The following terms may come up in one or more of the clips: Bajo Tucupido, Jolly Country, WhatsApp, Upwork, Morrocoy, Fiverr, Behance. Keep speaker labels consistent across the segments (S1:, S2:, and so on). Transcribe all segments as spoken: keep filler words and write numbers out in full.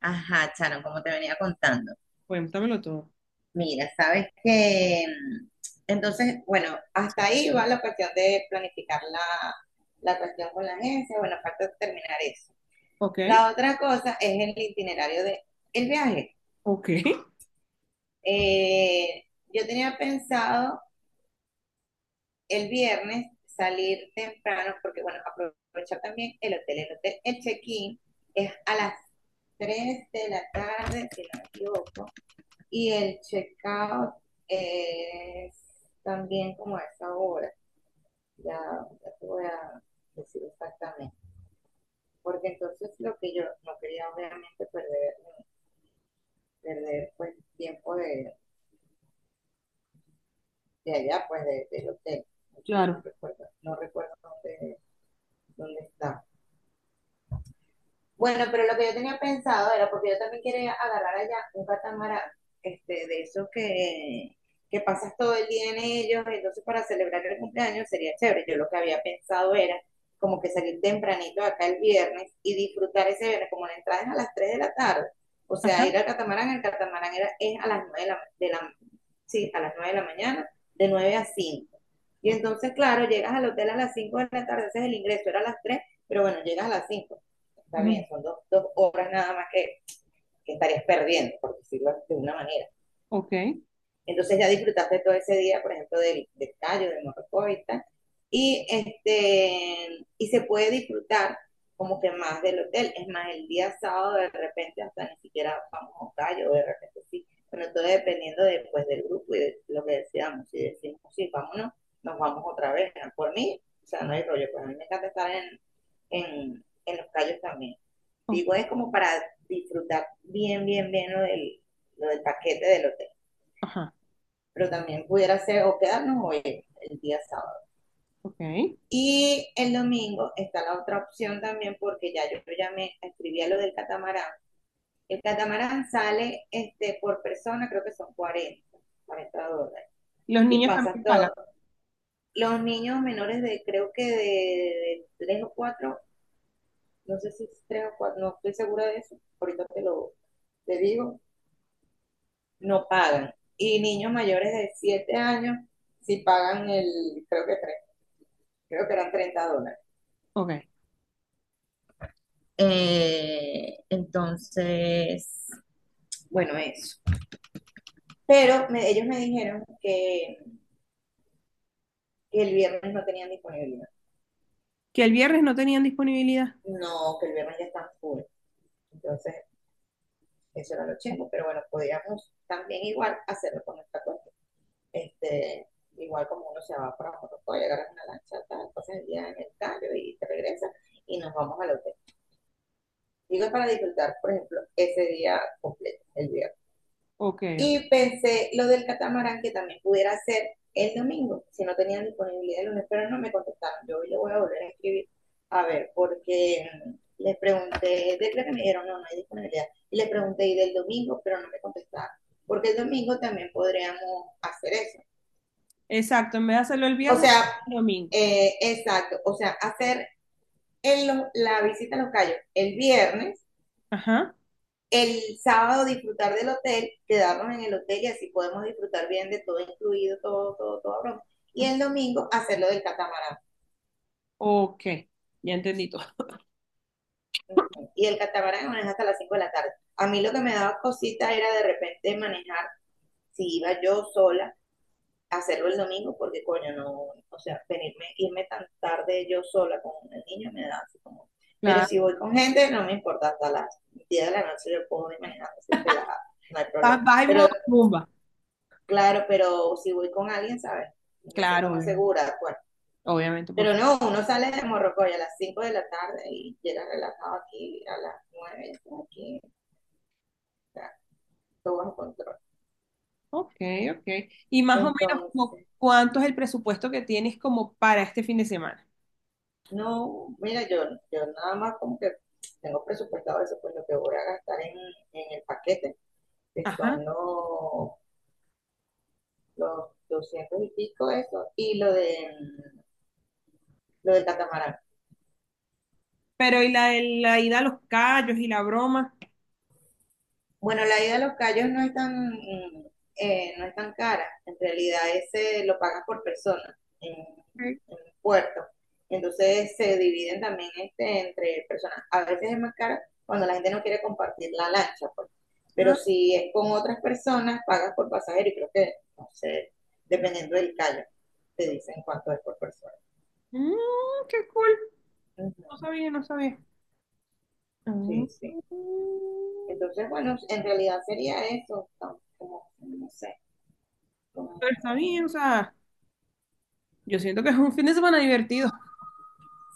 S1: Ajá, Charon, como te venía contando.
S2: Cuéntamelo todo.
S1: Mira, sabes que mm, entonces, bueno, hasta ahí va la cuestión de planificar la, la cuestión con la agencia. Bueno, falta terminar eso.
S2: Ok,
S1: La otra cosa es el itinerario de el viaje.
S2: ok,
S1: Eh, yo tenía pensado el viernes salir temprano, porque bueno, aprovechar también el hotel. El hotel, el check-in es a las tres de la tarde, si no me equivoco. Y el checkout es también como a esa hora. Ya, ya te voy a decir exactamente. Porque entonces lo que yo no quería obviamente perder, perder pues tiempo de, de allá, pues de- del hotel. Yo no
S2: claro.
S1: recuerdo, no recuerdo dónde, dónde está. Bueno, pero lo que yo tenía pensado era porque yo también quería agarrar allá un catamarán, este, de esos que, que pasas todo el día en ellos, entonces para celebrar el cumpleaños sería chévere. Yo lo que había pensado era como que salir tempranito de acá el viernes y disfrutar ese viernes, como la entrada es a las tres de la tarde. O sea, ir al catamarán, el catamarán era, es a las nueve de la, de la, sí, a las nueve de la mañana, de nueve a cinco. Y
S2: o-
S1: entonces, claro, llegas al hotel a las cinco de la tarde, ese es el ingreso, era a las tres, pero bueno, llegas a las cinco. Está
S2: Ujú.
S1: bien, son dos, dos horas nada más que, que estarías perdiendo, por decirlo de una manera.
S2: Ok,
S1: Entonces ya disfrutaste todo ese día, por ejemplo, del, del callo, del morrocoy y tal. Y, este, y se puede disfrutar como que más del hotel. Es más, el día sábado de repente hasta ni siquiera vamos a un callo, de repente sí. Bueno, todo dependiendo después del grupo y de lo que decidamos. Si decimos, sí, vámonos, nos vamos otra vez, ¿no? Por mí, o sea, no hay rollo, pues a mí me encanta estar en, en, en los callos también.
S2: ok,
S1: Digo, es como para disfrutar bien, bien, bien lo del, lo del paquete del hotel,
S2: ajá,
S1: pero también pudiera ser o quedarnos hoy el día sábado.
S2: ok.
S1: Y el domingo está la otra opción también porque ya yo ya me escribí a lo del catamarán. El catamarán sale este, por persona, creo que son cuarenta 40 dólares.
S2: Los
S1: Y
S2: niños
S1: pasa
S2: también pagan.
S1: todo. Los niños menores de, creo que de, de tres o cuatro, no sé si es tres o cuatro, no estoy segura de eso, ahorita te lo te digo, no pagan. Y niños mayores de siete años, si pagan el, creo que tres, creo que eran treinta dólares.
S2: Ok.
S1: Eh, entonces, bueno, eso. Pero me- ellos me dijeron que, que el viernes no tenían disponibilidad.
S2: Que el viernes no tenían disponibilidad.
S1: No, que el viernes ya están full. Entonces, eso era lo chingo, pero bueno, podríamos también igual hacerlo con nuestra cuenta. Este, igual como uno se va para Morrocoy, agarras una lancha, tal, pasas el día en el callo y te regresas y nos vamos al hotel. Digo, para disfrutar, por ejemplo, ese día completo, el viernes.
S2: Ok,
S1: Y
S2: ok.
S1: pensé lo del catamarán que también pudiera ser el domingo, si no tenían disponibilidad el lunes, pero no me contestaron. Yo hoy le voy a volver a escribir, a ver, porque les pregunté, de creo que me dijeron, no, no hay disponibilidad. Y les pregunté, y del domingo, pero no me contestaron, porque el domingo también podríamos hacer eso.
S2: Exacto, en vez de hacerlo el
S1: O
S2: viernes,
S1: sea,
S2: el domingo.
S1: eh, exacto, o sea, hacer el, la visita a los cayos el viernes,
S2: Ajá.
S1: el sábado disfrutar del hotel, quedarnos en el hotel y así podemos disfrutar bien de todo incluido, todo, todo, todo. Broma. Y
S2: Ujú.
S1: el domingo hacerlo del catamarán.
S2: Ok, ya entendí todo.
S1: Y el catamarán maneja hasta las cinco de la tarde. A mí lo que me daba cosita era de repente manejar, si iba yo sola, hacerlo el domingo, porque coño, no, o sea, venirme, irme tan tarde yo sola con el niño me da así como. Pero
S2: Claro.
S1: si voy con gente, no me importa, hasta las diez de la noche yo puedo ir manejando así relajada, no hay problema.
S2: Vas vas en
S1: Pero
S2: modo rumba.
S1: Claro, pero si voy con alguien, ¿sabes? Me siento
S2: Claro,
S1: más
S2: obviamente,
S1: segura, de acuerdo.
S2: obviamente, por
S1: Pero
S2: supuesto.
S1: no, uno sale de Morrocoy a las cinco de la tarde y llega relajado aquí a las nueve, aquí, está todo bajo control.
S2: Ok, ok. Y más o menos, como,
S1: Entonces,
S2: ¿cuánto es el presupuesto que tienes como para este fin de semana?
S1: no, mira, yo, yo nada más como que tengo presupuestado eso, pues lo que voy a gastar en, en el paquete, que son
S2: Ajá.
S1: los, los doscientos y pico eso, y lo de lo del catamarán.
S2: Pero y la, la ida a los callos y la broma.
S1: Bueno, la ida a los Cayos no es tan, mm, eh, no es tan cara. En realidad, ese lo pagas por persona en, en puerto. Entonces se dividen también este, entre personas. A veces es más cara cuando la gente no quiere compartir la lancha, pues. Pero
S2: Ah,
S1: si es con otras personas, pagas por pasajero y creo que, no sé, dependiendo del callo, te dicen cuánto es por persona.
S2: mm, qué cool.
S1: Ujú.
S2: No sabía, no sabía. Mm.
S1: Sí, sí. Entonces, bueno, en realidad sería eso, tam- como, no sé, como.
S2: Pero está bien, o sea, yo siento que es un fin de semana divertido.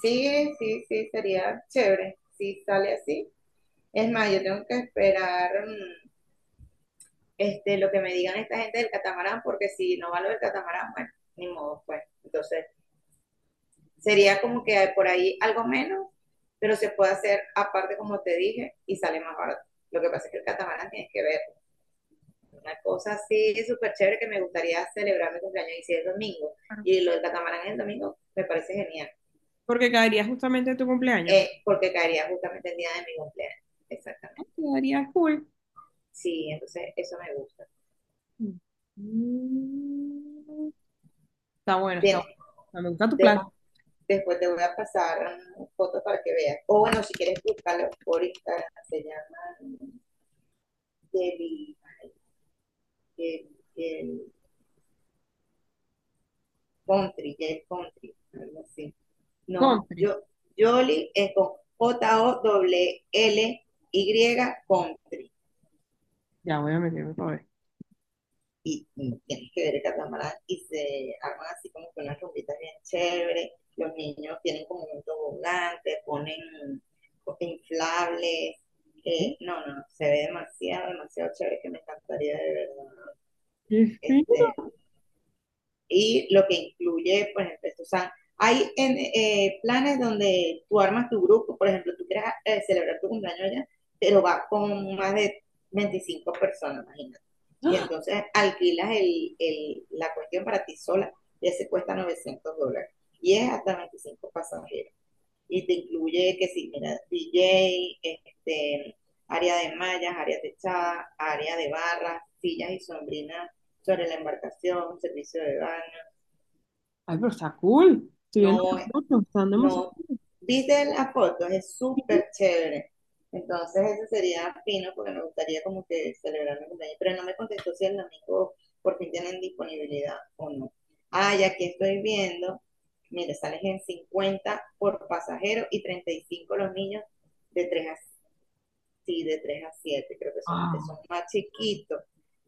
S1: Sí, sí, sí, sería chévere si sale así. Es más, yo tengo que esperar mm, este, lo que me digan esta gente del catamarán, porque si no va lo del catamarán, bueno, ni modo, pues. Entonces, sería como que hay por ahí algo menos, pero se puede hacer aparte, como te dije, y sale más barato. Lo que pasa es que el catamarán tienes que ver una cosa así súper chévere que me gustaría celebrar mi cumpleaños y si es domingo,
S2: Claro.
S1: y lo del catamarán es el domingo, me parece genial,
S2: Porque caería justamente en tu cumpleaños.
S1: eh, porque caería justamente el día de mi cumpleaños.
S2: Ah,
S1: Exactamente.
S2: quedaría cool.
S1: Sí, entonces eso me gusta.
S2: Mm. Está bueno, está
S1: Bien,
S2: bueno. O sea, me gusta tu plan.
S1: de- después te voy a pasar mm, fotos para que veas. O bueno, si quieres buscarlo por Instagram, se llama Jelly, ay, Jelly, Jelly Country, Jelly Country, algo así. No,
S2: Country.
S1: yo, Jolly es con J-O-L-L-Y Country.
S2: Ya voy a meterme para ver.
S1: Y mm, tienes que ver el catamarán y se arman así como que unas rumbitas bien chéveres. Los niños tienen como un tobogán, te ponen inflables.
S2: ¿Eh?
S1: eh, no, no, se ve demasiado, demasiado chévere que me encantaría de verdad
S2: ¡Qué
S1: este,
S2: fino!
S1: y lo que incluye, por ejemplo, esto, o sea, hay en, eh, planes donde tú armas tu grupo, por ejemplo, tú quieres eh, celebrar tu cumpleaños allá, pero vas con más de veinticinco personas, imagínate. Y entonces alquilas el, el, la cuestión para ti sola, y ese cuesta novecientos dólares, y es hasta veinticinco pasajeros. Y te incluye que si, sí, mira, D J, este, área de mallas, área techada, área de barras, sillas y sombrinas sobre la embarcación, servicio de baño.
S2: Ay, pero está cool. Estoy viendo
S1: No,
S2: las fotos, están demasiado
S1: no,
S2: cool.
S1: viste la foto, es súper chévere. Entonces, eso sería fino porque me gustaría como que celebrar mi cumpleaños, pero no me contestó si el domingo por fin tienen disponibilidad o no. Ah, y aquí estoy viendo, mire, sales en cincuenta por pasajero y treinta y cinco los niños de tres a, sí, de tres a siete. Creo que son los que son
S2: Ah,
S1: más chiquitos,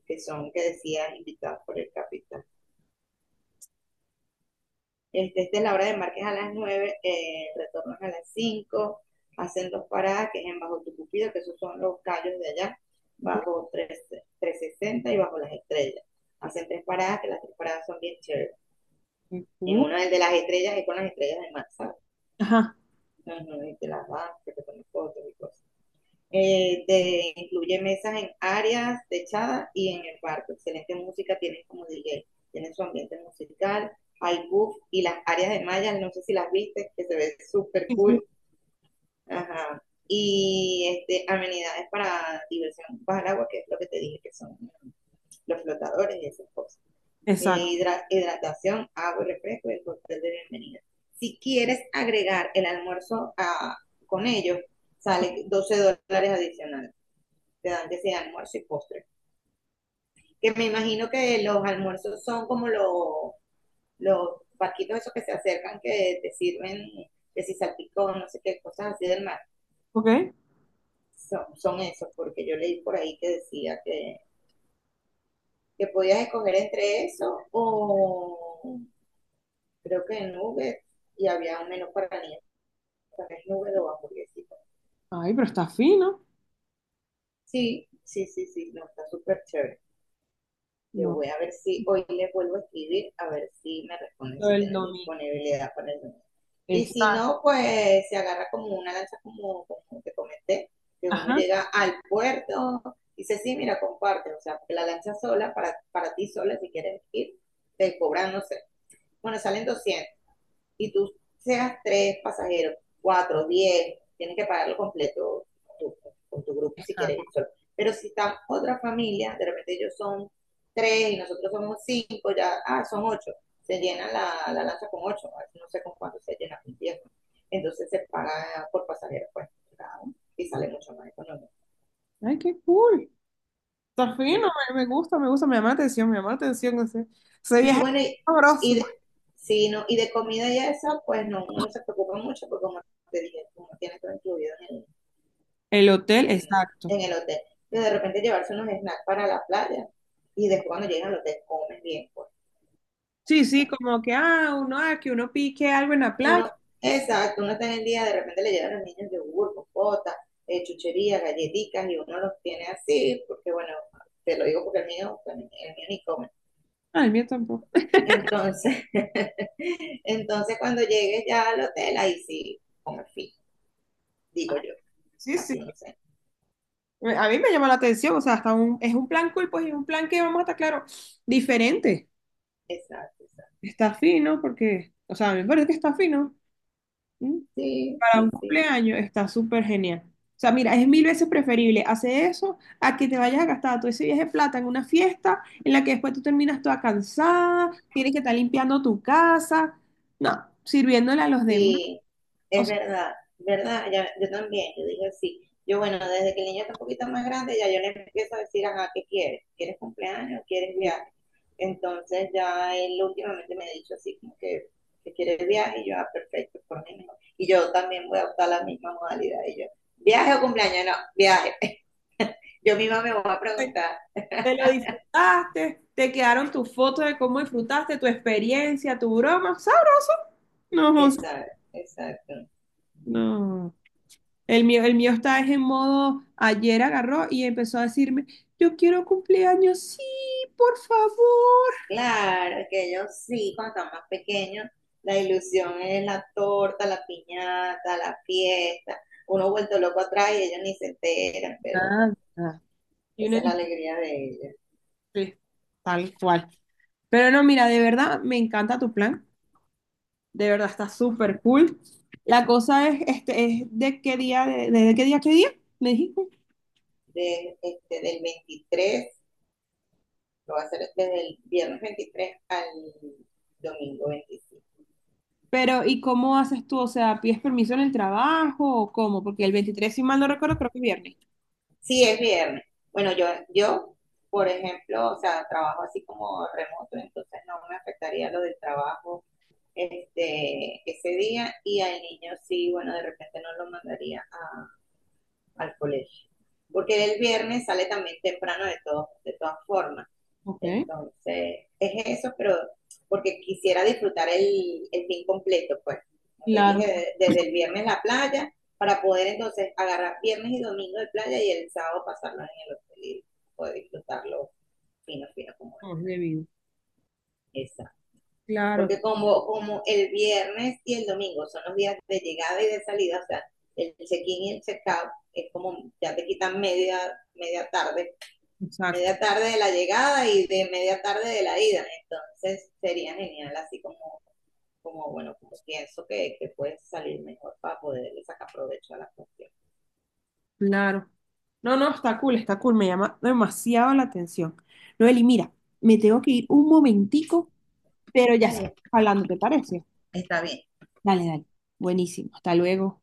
S1: que son, que decía, invitados por el capitán. Este, esta es la hora de Márquez a las nueve, eh, retornos a las cinco, hacen dos paradas, que es en Bajo Tucupido, que esos son los callos de allá,
S2: ok,
S1: bajo tres sesenta y bajo las estrellas. Hacen tres paradas, que las tres paradas son bien chéveres.
S2: qué
S1: En
S2: cool.
S1: una de las estrellas es con las estrellas de mar, ¿sabes?
S2: Ajá.
S1: Ujú. Y te las vas, que te pones fotos y cosas. Eh, de- incluye mesas en áreas techadas y en el barco. Excelente música, tienen como D J, tienen su ambiente musical, hay buff y las áreas de mallas, no sé si las viste, que se ve súper
S2: Sí, sí.
S1: cool. Ajá. Y este, amenidades para diversión bajo el agua, que es lo que te dije, que son los flotadores y esas cosas. Eh,
S2: Exacto.
S1: hidra- hidratación, agua y refresco y el cóctel de bienvenida. Si quieres agregar el almuerzo a- con ellos, sale doce dólares adicionales, te dan que sea almuerzo y postre. Que me imagino que los almuerzos son como los, los barquitos esos que se acercan que te sirven, que si salpicón, no sé qué, cosas así del mar.
S2: Ok.
S1: Son, son esos, porque yo leí por ahí que decía que, que podías escoger entre eso o creo que nubes y había un menú para niños, también nubes o hamburguesitas.
S2: Ay, pero está fino.
S1: Sí, sí, sí, sí, no, está súper chévere. Yo
S2: No,
S1: voy a ver si hoy les vuelvo a escribir, a ver si me responden
S2: lo
S1: si
S2: del
S1: tienen
S2: domingo.
S1: disponibilidad para el lunes. Y si
S2: Exacto.
S1: no, pues se agarra como una lancha, como, como te comenté, que uno llega
S2: Ajá.
S1: al puerto, y dice, sí, mira, comparte, o sea, porque la lancha sola, para, para ti sola, si quieres ir, te cobran, no sé, bueno, salen doscientos y tú seas tres pasajeros, cuatro, diez, tienes que pagarlo completo tú, con tu grupo si quieres ir
S2: Ajá.
S1: solo. Pero si está otra familia, de repente ellos son tres y nosotros somos cinco, ya, ah, son ocho, se llena la, la lancha con ocho, no sé con cuánto se llena con diez, ¿no? Entonces se paga por pasajero, pues, ¿no? Y sale mucho más económico.
S2: Ay, qué cool. Está fino,
S1: Sí.
S2: me, me gusta, me gusta, me llama la atención, me llama la atención ese, ese
S1: Y
S2: viaje
S1: bueno, y, y
S2: sabroso.
S1: de, sí, no, y de comida y eso, pues no, uno se preocupa mucho porque como te dije, uno tiene todo incluido en el,
S2: El hotel,
S1: en,
S2: exacto.
S1: en el hotel. Pero de repente llevarse unos snacks para la playa y después cuando llegan al hotel comen bien. Pues.
S2: Sí, sí, como que, ah, uno, ah, que uno pique algo en la playa.
S1: Uno, exacto, uno está en el día, de repente le llevan a los niños yogur, compota, eh, chuchería, galletitas y uno los tiene así, porque bueno, te lo digo porque el mío, bueno, el mío ni come.
S2: Ah, el mío tampoco.
S1: Entonces, entonces cuando llegues ya al hotel, ahí sí, come fin, digo yo.
S2: Sí,
S1: Así
S2: sí.
S1: no sé.
S2: A mí me llama la atención, o sea, hasta un, es un plan cool, pues, y un plan que vamos a estar claro, diferente.
S1: Exacto, exacto.
S2: Está fino, porque, o sea, a mí me parece que está fino. Mm.
S1: Sí,
S2: Para un
S1: sí, sí.
S2: cumpleaños está súper genial. O sea, mira, es mil veces preferible hacer eso a que te vayas a gastar todo ese viaje de plata en una fiesta en la que después tú terminas toda cansada, tienes que estar limpiando tu casa, no, sirviéndole a los demás.
S1: Sí,
S2: O
S1: es
S2: sea,
S1: verdad, ¿verdad? Ya- yo también, yo dije sí. Yo, bueno, desde que el niño está un poquito más grande, ya yo le empiezo a decir, ajá, ¿qué quieres? ¿Quieres cumpleaños? ¿Quieres viaje? Entonces ya él últimamente me ha dicho así, como que, que quiere viaje, y yo, ah, perfecto, por mí no. Y yo también voy a optar la misma modalidad, y yo, ¿viaje o cumpleaños? No, viaje. Yo misma me voy a
S2: te,
S1: preguntar,
S2: te lo disfrutaste, te quedaron tus fotos de cómo disfrutaste, tu experiencia, tu broma, ¿sabes? No, José,
S1: exacto, exacto.
S2: no. El mío, el mío está es en modo, ayer agarró y empezó a decirme, yo quiero cumpleaños, sí, por favor.
S1: Claro, que ellos sí, cuando están más pequeños, la ilusión es la torta, la piñata, la fiesta. Uno vuelto loco atrás y ellos ni se enteran, pero
S2: Nada. Y uno
S1: esa es la
S2: dice,
S1: alegría de ellos.
S2: "Sí, tal cual". Pero no, mira, de verdad me encanta tu plan. De verdad está súper cool. La cosa es, este, es de qué día, de, de qué día, a qué día, me dijiste.
S1: De, este, del veintitrés, lo va a hacer desde el viernes veintitrés al domingo veinticinco.
S2: Pero, ¿y cómo haces tú? O sea, ¿pides permiso en el trabajo o cómo? Porque el veintitrés, si mal no recuerdo, creo que es viernes.
S1: Sí, es viernes. Bueno, yo, yo, por ejemplo, o sea, trabajo así como remoto, entonces no me afectaría lo del trabajo este, ese día y al niño sí, bueno, de repente no lo mandaría a, al colegio. Porque el viernes sale también temprano de, todo, de todas formas.
S2: Ok,
S1: Entonces, es eso, pero porque quisiera disfrutar el, el fin completo, pues. Como te
S2: claro.
S1: dije, desde el viernes la playa, para poder entonces agarrar viernes y domingo de playa y el sábado pasarlo en el hotel y poder disfrutarlo fino, fino como
S2: No, es debido.
S1: es.
S2: Claro,
S1: Porque como, como el viernes y el domingo son los días de llegada y de salida, o sea, el check-in y el check-out es como ya te quitan media, media tarde,
S2: exacto.
S1: media tarde de la llegada y de media tarde de la ida. Entonces sería genial, así como, como bueno, como pienso que, que puedes salir mejor para poderle sacar provecho a la cuestión.
S2: Claro. No, no, está cool, está cool. Me llama demasiado la atención. Noeli, mira, me tengo que ir un momentico, pero ya
S1: Vale,
S2: seguimos hablando, ¿te parece?
S1: está bien.
S2: Dale, dale. Buenísimo. Hasta luego.